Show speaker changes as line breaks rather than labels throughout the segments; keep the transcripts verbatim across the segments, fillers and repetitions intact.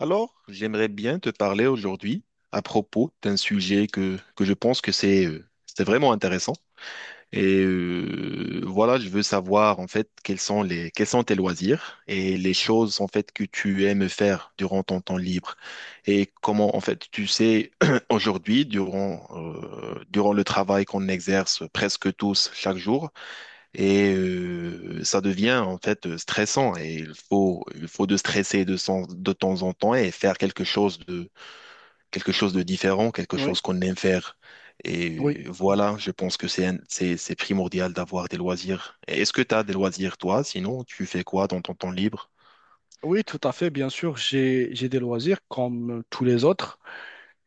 Alors, j'aimerais bien te parler aujourd'hui à propos d'un sujet que, que je pense que c'est euh, c'est vraiment intéressant. Et euh, voilà, je veux savoir en fait quels sont les quels sont tes loisirs et les choses en fait que tu aimes faire durant ton temps libre, et comment en fait tu sais aujourd'hui durant euh, durant le travail qu'on exerce presque tous chaque jour, et euh, ça devient en fait euh, stressant, et il faut il faut de stresser de, sen- de temps en temps et faire quelque chose de quelque chose de différent, quelque
Oui,
chose qu'on aime faire.
oui,
Et euh, voilà, je pense que c'est un- c'est c'est primordial d'avoir des loisirs. Et est-ce que tu as des loisirs, toi? Sinon, tu fais quoi dans ton temps libre?
oui, tout à fait, bien sûr, j'ai j'ai des loisirs comme euh, tous les autres.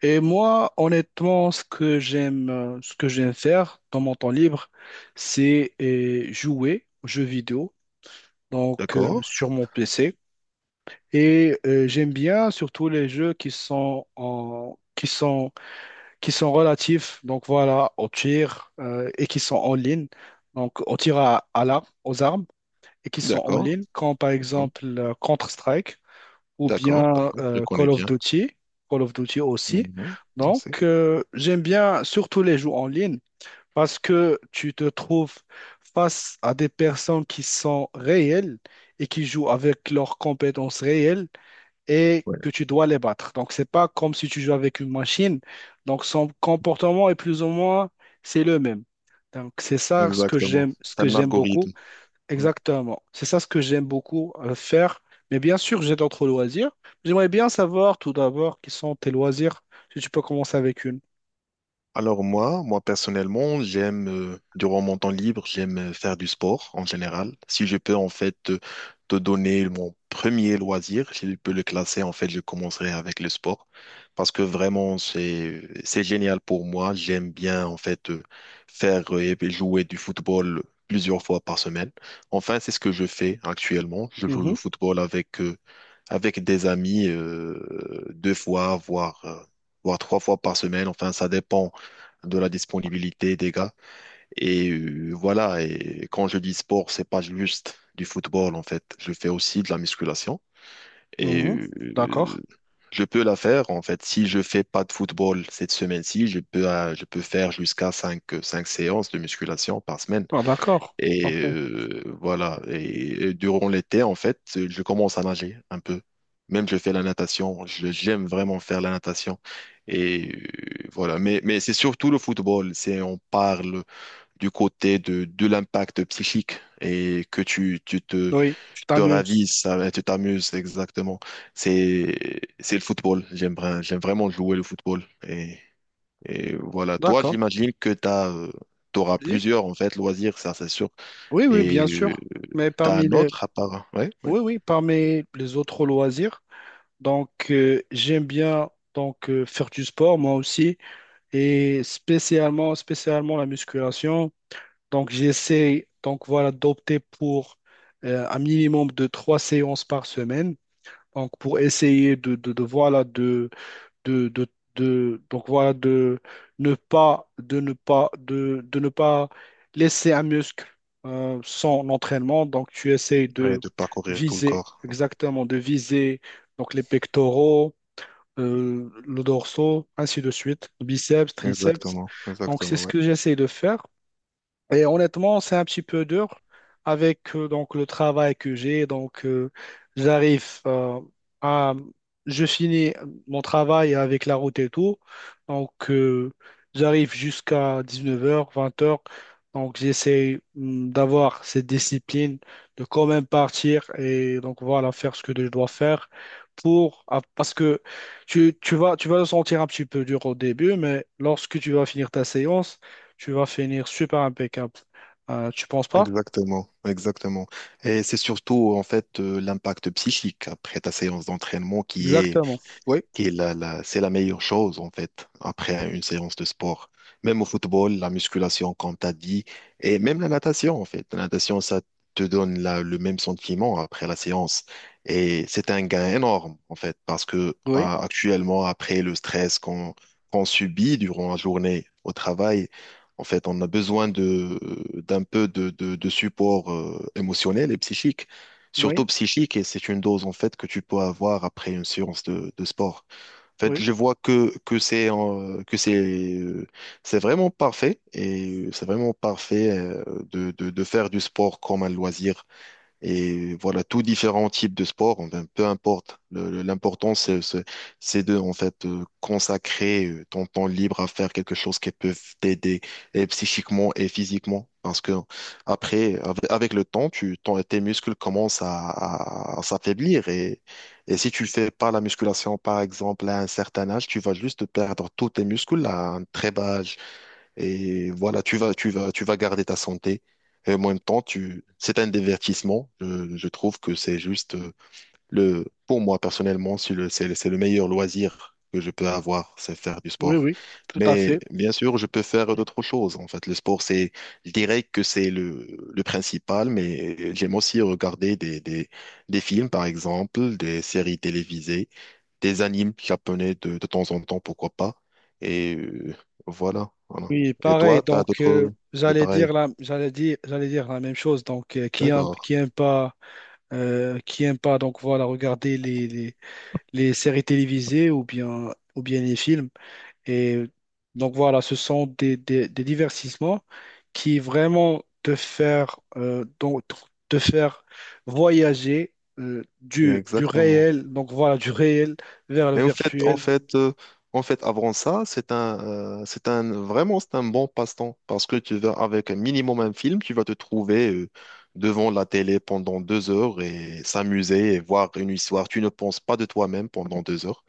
Et moi, honnêtement, ce que j'aime, euh, ce que j'aime faire dans mon temps libre, c'est euh, jouer aux jeux vidéo, donc euh,
D'accord?
sur mon P C. Et euh, j'aime bien surtout les jeux qui sont en qui sont qui sont relatifs, donc voilà, au tir euh, et qui sont en ligne, donc au tir à, à l'arme, aux armes et qui sont en
D'accord,
ligne, comme par
d'accord,
exemple euh, Counter-Strike, ou
d'accord,
bien
d'accord, je
euh,
connais
Call of
bien.
Duty. Call of Duty aussi.
Mhm, on
Donc,
sait.
euh, j'aime bien surtout les jeux en ligne parce que tu te trouves face à des personnes qui sont réelles et qui jouent avec leurs compétences réelles et
Ouais,
que tu dois les battre. Donc, c'est pas comme si tu joues avec une machine. Donc, son comportement est plus ou moins, c'est le même. Donc, c'est ça ce que
exactement.
j'aime, ce
C'est
que
un
j'aime beaucoup.
algorithme. Oui.
Exactement. C'est ça ce que j'aime beaucoup euh, faire. Mais bien sûr, j'ai d'autres loisirs. J'aimerais bien savoir tout d'abord quels sont tes loisirs, si tu peux commencer avec une.
Alors moi, moi personnellement, j'aime, euh, durant mon temps libre, j'aime euh, faire du sport en général. Si je peux en fait te, te donner mon premier loisir, si je peux le classer, en fait, je commencerai avec le sport. Parce que vraiment, c'est, c'est génial pour moi. J'aime bien en fait euh, faire euh, et jouer du football plusieurs fois par semaine. Enfin, c'est ce que je fais actuellement. Je joue
Mhm,
le football avec, euh, avec des amis euh, deux fois, voire, euh, voire trois fois par semaine. Enfin, ça dépend de la disponibilité des gars. Et euh, voilà, et quand je dis sport, c'est pas juste du football en fait. Je fais aussi de la musculation, et
mhm. D'accord.
euh, je peux la faire en fait. Si je fais pas de football cette semaine-ci, je peux euh, je peux faire jusqu'à cinq cinq séances de musculation par semaine.
Ah, d'accord.
Et
Parfait.
euh, voilà. Et, et durant l'été, en fait, je commence à nager un peu. Même je fais la natation. Je- J'aime vraiment faire la natation. Et euh, voilà. Mais, mais c'est surtout le football. C'est, on parle du côté de, de l'impact psychique, et que tu, tu te,
Oui, tu
te
t'amuses.
ravisses, euh, tu t'amuses exactement. C'est, c'est le football. J'aime, vra- j'aime vraiment jouer le football. Et, et voilà. Toi,
D'accord.
j'imagine que tu as, t'auras
Oui,
plusieurs, en fait, loisirs. Ça, c'est sûr.
oui, oui,
Et
bien
euh,
sûr. Mais
T'as
parmi
un
les,
autre à part? Ouais, ouais,
oui, oui, parmi les autres loisirs, donc euh, j'aime bien donc euh, faire du sport moi aussi et spécialement, spécialement la musculation. Donc, j'essaie donc voilà d'opter pour euh, un minimum de trois séances par semaine. Donc, pour essayer de, de, de, voilà de, de, de, de- donc voilà de ne pas de ne pas de, de ne pas laisser un muscle euh, sans entraînement. Donc, tu essayes
ouais,
de
de parcourir tout le
viser
corps.
exactement de viser donc les pectoraux, euh, le dorsaux, ainsi de suite, biceps, triceps.
Exactement,
Donc, c'est
exactement,
ce
ouais.
que j'essaie de faire. Et honnêtement, c'est un petit peu dur avec euh, donc le travail que j'ai. Donc, euh, j'arrive euh, à, je finis mon travail avec la route et tout. Donc, euh, j'arrive jusqu'à dix-neuf heures, vingt heures. Donc, j'essaie hum, d'avoir cette discipline de quand même partir et donc voilà, faire ce que je dois faire pour ah, parce que tu, tu vas tu vas le sentir un petit peu dur au début, mais lorsque tu vas finir ta séance tu vas finir super impeccable. Euh, tu penses pas?
Exactement, exactement. Et c'est surtout en fait euh, l'impact psychique après ta séance d'entraînement qui est
Exactement. Oui,
qui est la, la- c'est la meilleure chose, en fait, après une séance de sport. Même au football, la musculation, comme tu as dit, et même la natation, en fait. La natation, ça te donne la- le même sentiment après la séance. Et c'est un gain énorme, en fait, parce que euh,
oui,
actuellement, après le stress qu'on qu'on subit durant la journée au travail, en fait, on a besoin de, d'un peu de, de, de support euh, émotionnel et psychique,
oui,
surtout psychique, et c'est une dose en fait que tu peux avoir après une séance de, de sport. En
oui,
fait, je vois que, que c'est euh, que c'est euh, c'est vraiment parfait, et euh, c'est vraiment parfait euh, de, de, de faire du sport comme un loisir, et voilà, tous différents types de sports, enfin, peu importe. Le- le- L'important, c'est, c'est c'est de, en fait, euh, consacrer euh, ton temps libre à faire quelque chose qui peut t'aider et psychiquement et physiquement. Parce que après, avec, avec le temps, tu, ton- tes muscles commencent à, à- à s'affaiblir. Et, et si tu fais pas la musculation, par exemple, à un certain âge, tu vas juste perdre tous tes muscles à un très bas âge. Et voilà, tu vas, tu vas, tu vas garder ta santé. Et en même temps, tu, c'est un divertissement. Je, je trouve que c'est juste euh, le, pour moi personnellement, c'est le, c'est, le c'est le meilleur loisir que je peux avoir, c'est faire du
oui,
sport.
oui, tout à
Mais
fait.
bien sûr, je peux faire d'autres choses. En fait, le sport, c'est, je dirais que c'est le, le principal, mais j'aime aussi regarder des, des, des films, par exemple, des séries télévisées, des animes japonais de, de temps en temps, pourquoi pas. Et euh, voilà, voilà.
Oui,
Et
pareil.
toi, t'as
Donc, euh,
d'autres... C'est
j'allais dire
pareil.
la, j'allais dire, j'allais dire la même chose. Donc, euh, qui aime,
D'accord.
qui aime pas, euh, qui aime pas, donc voilà, regarder les, les, les séries télévisées ou bien, ou bien les films. Et donc voilà, ce sont des, des, des divertissements qui vraiment te faire, euh, donc, te faire voyager euh, du, du
Exactement.
réel, donc voilà, du réel vers le
Et en fait, en
virtuel.
fait, euh, en fait, avant ça, c'est un, euh, c'est un, vraiment, c'est un bon passe-temps, parce que tu vas avec un minimum un film, tu vas te trouver euh, devant la télé pendant deux heures et s'amuser et voir une histoire. Tu ne penses pas de toi-même pendant deux heures,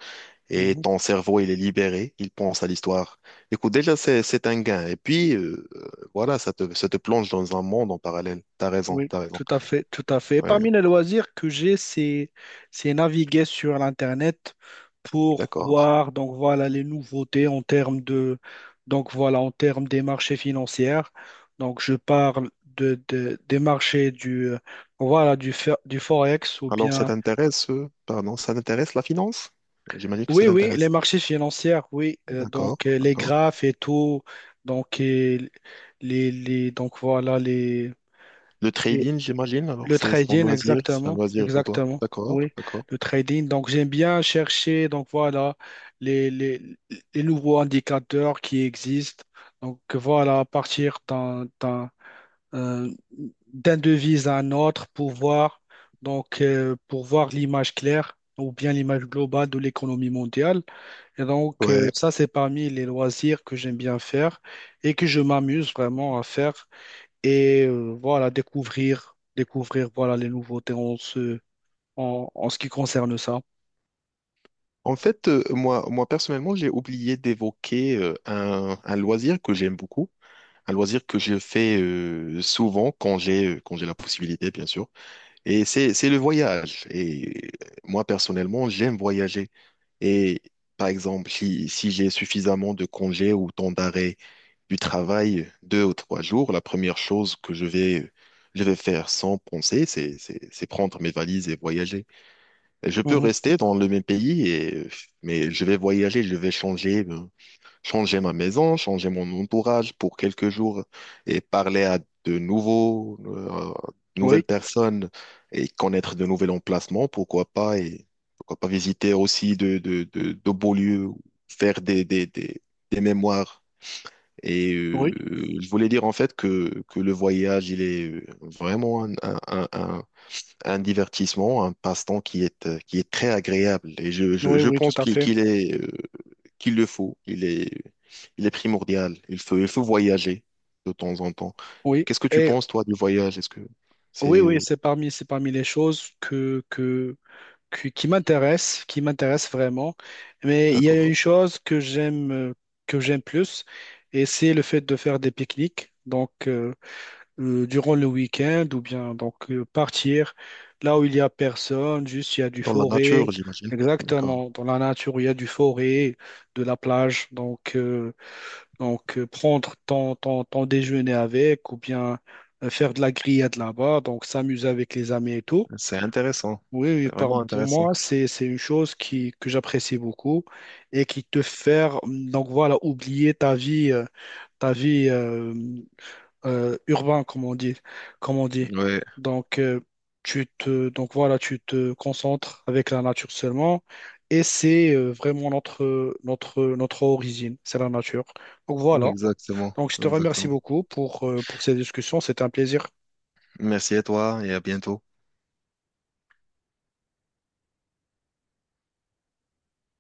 et
Mhm.
ton cerveau, il est libéré, il pense à l'histoire. Écoute, déjà, c'est, c'est un gain. Et puis, euh, euh, voilà, ça te, ça te plonge dans un monde en parallèle. T'as raison,
Oui,
t'as raison.
tout à fait, tout à fait. Et parmi
Ouais,
les loisirs que j'ai, c'est, c'est naviguer sur l'Internet pour
d'accord.
voir donc voilà les nouveautés en termes de donc voilà en termes des marchés financiers. Donc je parle de, de- des marchés du euh, voilà du fer- du forex ou
Alors, ça
bien
t'intéresse, euh, pardon, ça t'intéresse la finance? J'imagine que ça
oui oui les
t'intéresse.
marchés financiers oui. Euh,
D'accord,
donc euh, les
d'accord.
graphes et tout donc et les les donc voilà les
Le
les-
trading, j'imagine, alors
le
c'est c'est ton
trading,
loisir, c'est un
exactement,
loisir pour toi.
exactement.
D'accord,
Oui,
d'accord.
le trading. Donc, j'aime bien chercher, donc voilà, les, les, les nouveaux indicateurs qui existent. Donc, voilà, à partir d'un, d'un, euh, d'un devise à un autre pour voir, donc, euh, pour voir l'image claire ou bien l'image globale de l'économie mondiale. Et donc, euh,
Ouais.
ça, c'est parmi les loisirs que j'aime bien faire et que je m'amuse vraiment à faire et euh, voilà, découvrir, découvrir voilà, les nouveautés en ce, en, en ce qui concerne ça.
En fait, euh, moi, moi personnellement, j'ai oublié d'évoquer euh, un, un loisir que j'aime beaucoup. Un loisir que je fais euh, souvent quand j'ai euh, quand j'ai la possibilité, bien sûr. Et c'est c'est le voyage. Et moi, personnellement, j'aime voyager. Et par exemple, si, si j'ai suffisamment de congés ou temps d'arrêt du travail, deux ou trois jours, la première chose que je vais je vais faire sans penser, c'est c'est c'est prendre mes valises et voyager. Je peux
Mhm.
rester dans le même pays, et, mais je vais voyager, je vais changer. Euh, changer ma maison, changer mon entourage pour quelques jours et parler à de nouveaux, euh, de nouvelles
Oui,
personnes et connaître de nouveaux emplacements, pourquoi pas, et pourquoi pas visiter aussi de, de, de, de beaux lieux, faire des, des, des, des mémoires. Et euh,
oui,
je voulais dire en fait que, que le voyage, il est euh, vraiment un, un, un, un- un divertissement, un passe-temps qui est, euh, qui est très agréable. Et je, je,
oui,
je
oui, tout
pense
à
qu'il
fait.
qu'il est euh, qu'il le faut. Il est, il est primordial. Il faut, il faut voyager de temps en temps.
Oui,
Qu'est-ce que tu
et
penses, toi, du voyage? Est-ce que
oui,
c'est
oui,
euh,
c'est parmi, c'est parmi les choses que, que, que- qui m'intéressent, qui m'intéressent vraiment. Mais il y a une
D'accord?
chose que j'aime, euh, que j'aime plus, et c'est le fait de faire des pique-niques. Donc, euh, euh, durant le week-end ou bien donc euh, partir là où il y a personne, juste il y a du
Dans la
forêt,
nature, j'imagine. D'accord.
exactement, dans la nature où il y a du forêt, de la plage, donc, euh, donc euh, prendre ton, ton, ton déjeuner avec ou bien euh, faire de la grillade là-bas, donc s'amuser avec les amis et tout.
C'est intéressant.
Oui, oui,
C'est
par-
vraiment
pour
intéressant.
moi, c'est, c'est une chose qui, que j'apprécie beaucoup et qui te fait, mm, donc voilà, oublier ta vie, euh, ta vie, euh, euh, urbain, comme on dit, comme on dit.
Ouais,
Donc, euh, tu te, donc voilà, tu te concentres avec la nature seulement, et c'est euh, vraiment notre, notre, notre origine, c'est la nature. Donc voilà.
exactement.
Donc, je te remercie
Exactement.
beaucoup pour, euh, pour ces discussions, c'est un plaisir.
Merci à toi et à bientôt.